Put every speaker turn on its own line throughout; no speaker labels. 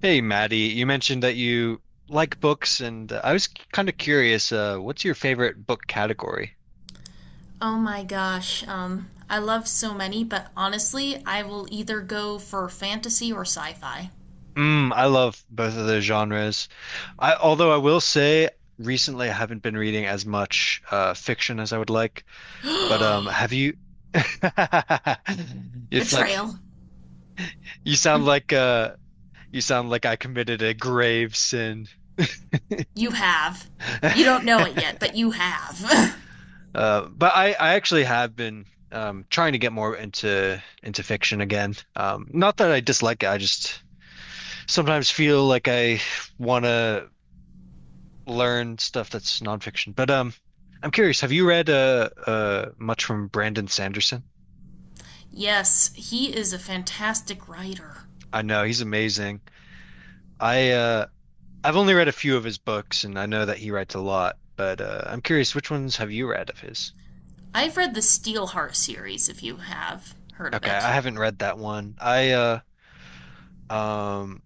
Hey, Maddie, you mentioned that you like books, and I was kind of curious, what's your favorite book category?
Oh my gosh. I love so many, but honestly, I will either go for fantasy or sci fi.
Mm, I love both of those genres. Although I will say, recently I haven't been reading as much fiction as I would like. But have you? It's like
Betrayal.
you sound like you sound like I committed a grave sin.
You have. You don't know it yet, but you have.
But I actually have been trying to get more into fiction again. Not that I dislike it, I just sometimes feel like I want to learn stuff that's nonfiction. But I'm curious, have you read much from Brandon Sanderson?
Yes, he is a fantastic writer.
I know he's amazing. I uh, I've only read a few of his books, and I know that he writes a lot. But I'm curious, which ones have you read of his?
I've read the Steelheart series, if you have heard of
Okay, I
it.
haven't read that one. I uh, um,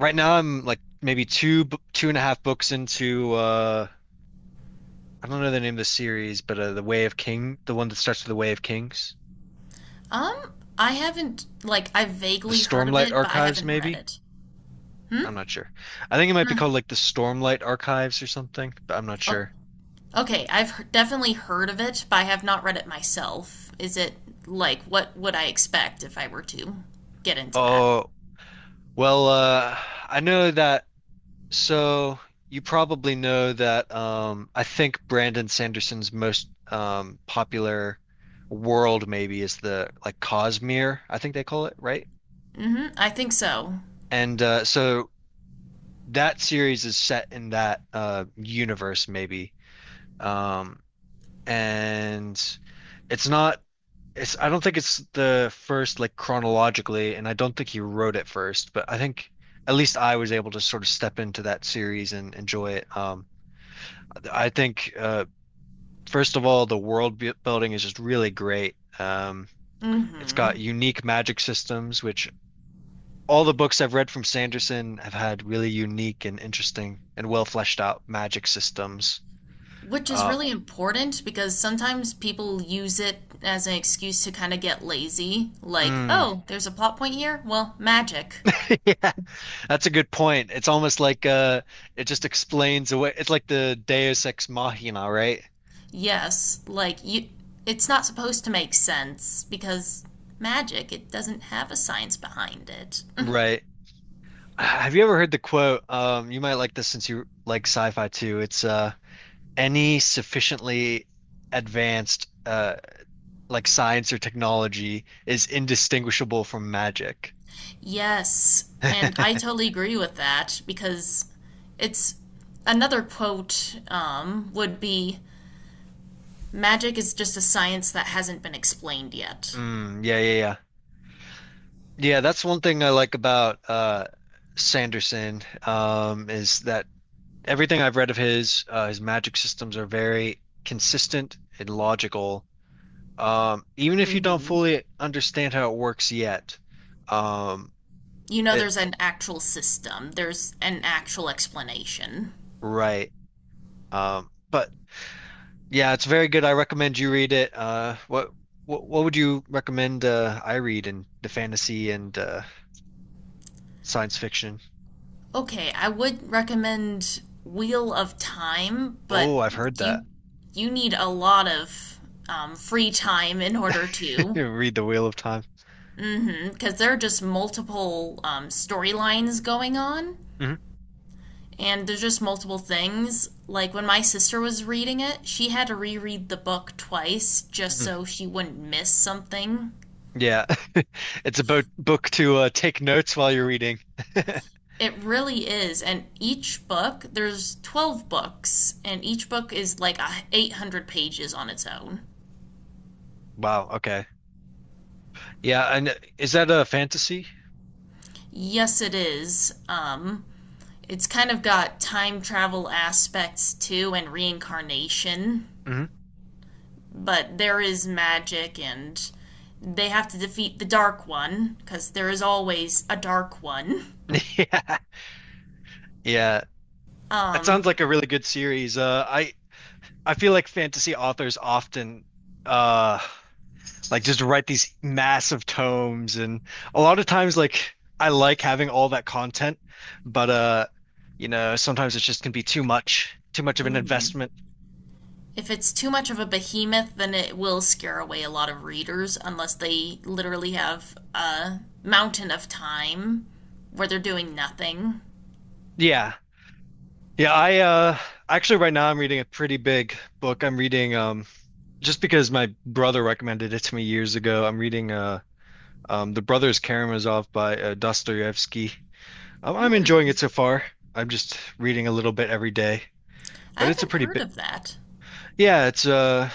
Right now, I'm like maybe two and a half books into I don't know the name of the series, but The Way of King, the one that starts with The Way of Kings,
I haven't, like, I've
the
vaguely heard of
Stormlight
it, but I
Archives,
haven't read
maybe.
it.
I'm
Hmm?
not sure. I think it might be
Huh.
called like the Stormlight Archives or something, but I'm not
I'll
sure.
Okay, I've definitely heard of it, but I have not read it myself. Is it like what would I expect if I were to get into that?
Oh, well, uh, I know that. So you probably know that. I think Brandon Sanderson's most popular world maybe is the like Cosmere, I think they call it, right?
Hmm, I think so.
And so that series is set in that universe maybe. Um and it's not it's I don't think it's the first like chronologically and I don't think he wrote it first, but I think at least I was able to sort of step into that series and enjoy it. I think first of all the building is just really great. Um, it's got
Hmm.
unique magic systems which all the books I've read from Sanderson have had really unique and interesting and well fleshed out magic systems.
Which is
Uh,
really important because sometimes people use it as an excuse to kind of get lazy. Like,
mm,
oh, there's a plot point here? Well, magic.
yeah, that's a good point. It's almost like it just explains away. It's like the Deus ex machina, right?
Yes, like you it's not supposed to make sense because magic, it doesn't have a science behind it.
Right. Have you ever heard the quote? You might like this since you like sci-fi too. It's any sufficiently advanced like science or technology is indistinguishable from magic.
Yes, and I totally agree with that because it's another quote, would be magic is just a science that hasn't been explained yet.
Mm, yeah, yeah, yeah. Yeah, that's one thing I like about Sanderson is that everything I've read of his magic systems are very consistent and logical. Even if you don't
Hmm
fully understand how it works yet, um,
You know,
it
there's an actual system, there's an actual explanation.
right. But yeah, it's very good. I recommend you read it. What would you recommend I read in the fantasy and science fiction?
Okay, I would recommend Wheel of Time, but
Oh, I've heard
you
that.
you need a lot of free time in order to.
Read The Wheel of Time.
Mm-hmm. Because there are just multiple storylines going on,
Mhm.
and there's just multiple things. Like when my sister was reading it, she had to reread the book twice just
Mhm.
so she wouldn't miss something.
Yeah, it's a bo book to take notes while you're reading.
It really is, and each book there's 12 books, and each book is like a 800 pages on its own.
Wow. Okay. Yeah, and is that a fantasy?
Yes, it is. It's kind of got time travel aspects too, and reincarnation.
Hmm.
But there is magic and they have to defeat the dark one because there is always a dark one.
Yeah, yeah. That sounds
Um,
like a really good series. I feel like fantasy authors often uh like just write these massive tomes, and a lot of times like I like having all that content, but you know, sometimes it just can be too much of an
hmm
investment.
if it's too much of a behemoth, then it will scare away a lot of readers unless they literally have a mountain of time where they're doing nothing.
Yeah. Yeah, I actually right now I'm reading a pretty big book. I'm reading just because my brother recommended it to me years ago. I'm reading The Brothers Karamazov by Dostoevsky. I'm enjoying it so far. I'm just reading a little bit every day,
I
but it's a
haven't
pretty
heard
bit.
of that.
Yeah,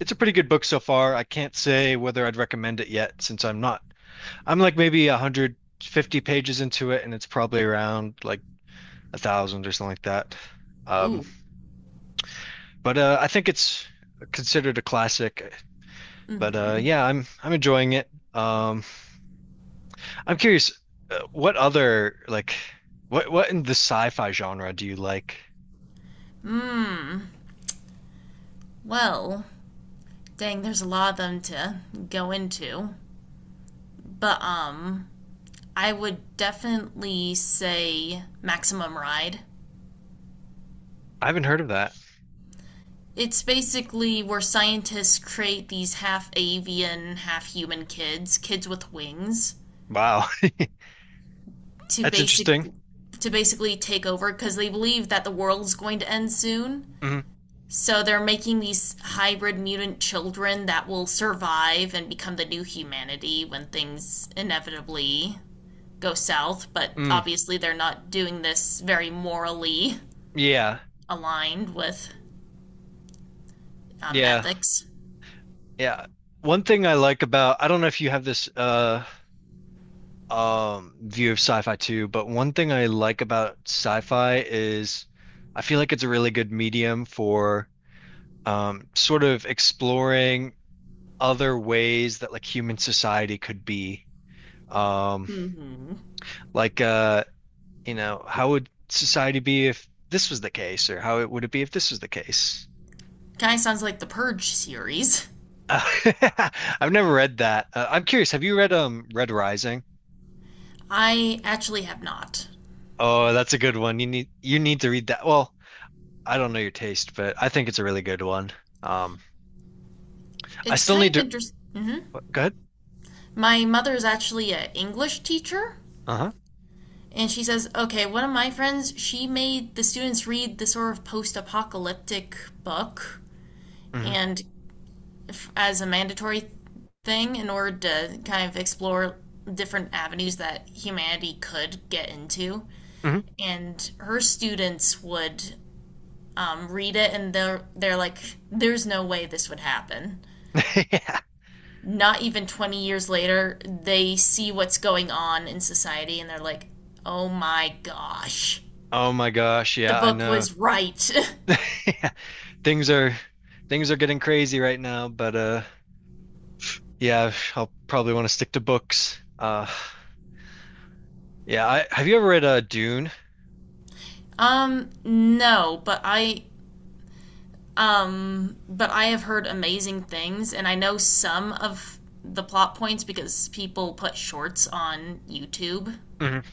it's a pretty good book so far. I can't say whether I'd recommend it yet since I'm not. I'm like maybe 150 pages into it, and it's probably around like a thousand or something like that. Um,
Ooh.
but I think it's considered a classic. But
Hmm
yeah, I'm enjoying it. Um, I'm curious, what other what in the sci-fi genre do you like?
Well, dang, there's a lot of them to go into. But I would definitely say Maximum Ride.
I haven't heard of that.
It's basically where scientists create these half avian, half human kids, kids with wings,
Wow,
to
that's
basic
interesting.
to basically take over because they believe that the world's going to end soon.
Hmm.
So they're making these hybrid mutant children that will survive and become the new humanity when things inevitably go south, but
Mm.
obviously they're not doing this very morally
Yeah.
aligned with
Yeah.
ethics.
Yeah. One thing I like about I don't know if you have this view of sci-fi too, but one thing I like about sci-fi is I feel like it's a really good medium for sort of exploring other ways that like human society could be. Um
Mm-hmm.
like you know, how would society be if this was the case, or how it would it be if this was the case?
Kind of sounds like the Purge series.
Uh, I've never read that. I'm curious, have you read Red Rising?
I actually have not.
Oh, that's a good one. You need to read that. Well, I don't know your taste, but I think it's a really good one. Um, I
It's
still
kind
need
of
to
interesting. Hmm
go ahead.
My mother is actually an English teacher,
Uh-huh.
and she says, okay, one of my friends, she made the students read the sort of post apocalyptic book,
Hmm.
and as a mandatory thing in order to kind of explore different avenues that humanity could get into.
Hmm.
And her students would read it and they're like, there's no way this would happen.
Yeah.
Not even 20 years later, they see what's going on in society and they're like, oh my gosh,
Oh my gosh,
the
yeah, I
book
know.
was right.
Yeah. Things are things are getting crazy right now, but yeah, I'll probably want to stick to books. Yeah, I have you ever read Dune?
No, but I have heard amazing things and I know some of the plot points because people put shorts on YouTube.
Mhm.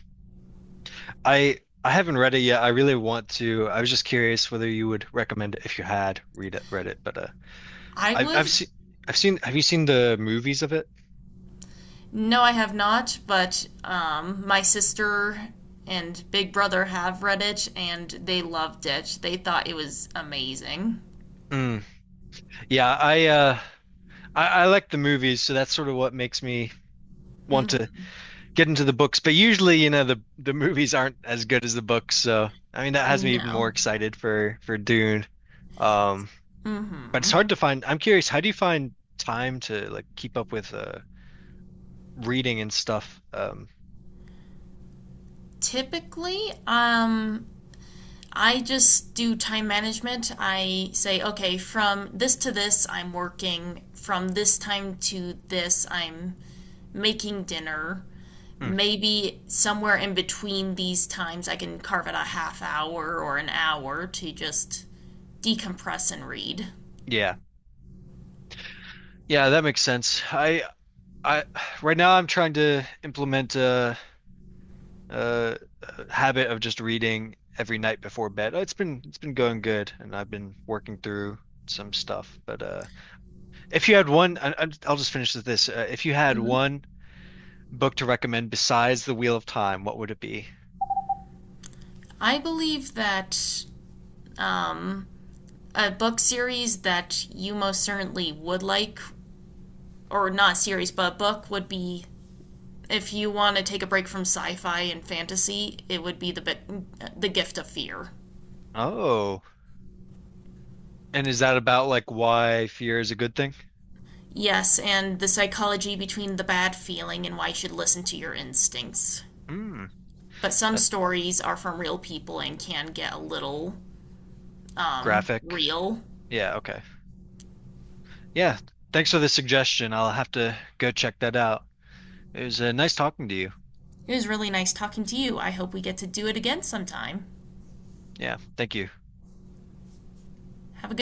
I haven't read it yet. I really want to. I was just curious whether you would recommend it if you had read it, read it. But
I
I've
would
seen Have you seen the movies of it?
No, I have not, but my sister and big brother have read it and they loved it. They thought it was amazing.
Mm. Yeah, I uh I like the movies, so that's sort of what makes me want to get into the books. But usually, you know, the movies aren't as good as the books. So I mean, that has me even more
No.
excited for Dune. Um, but it's
hmm
hard to find. I'm curious, how do you find time to like keep up with reading and stuff?
Typically, I just do time management. I say, okay, from this to this, I'm working. From this time to this, I'm making dinner.
Mm,
Maybe somewhere in between these times, I can carve out a half hour or an hour to just decompress and read.
yeah. Yeah, that makes sense. I right now I'm trying to implement a habit of just reading every night before bed. It's been going good, and I've been working through some stuff. But if you had I'll just finish with this. If you had
Mm-hmm.
one book to recommend besides The Wheel of Time, what would it be?
I believe that um, a book series that you most certainly would like, or not series, but a book would be if you want to take a break from sci-fi and fantasy, it would be the Gift of Fear.
Oh, and is that about like why fear is a good thing?
Yes, and the psychology between the bad feeling and why you should listen to your instincts.
Hmm,
But some
that's
stories are from real people and can get a little
graphic.
real.
Yeah, okay. Yeah, thanks for the suggestion. I'll have to go check that out. It was nice talking to you.
It was really nice talking to you. I hope we get to do it again sometime.
Yeah, thank you.
Have a good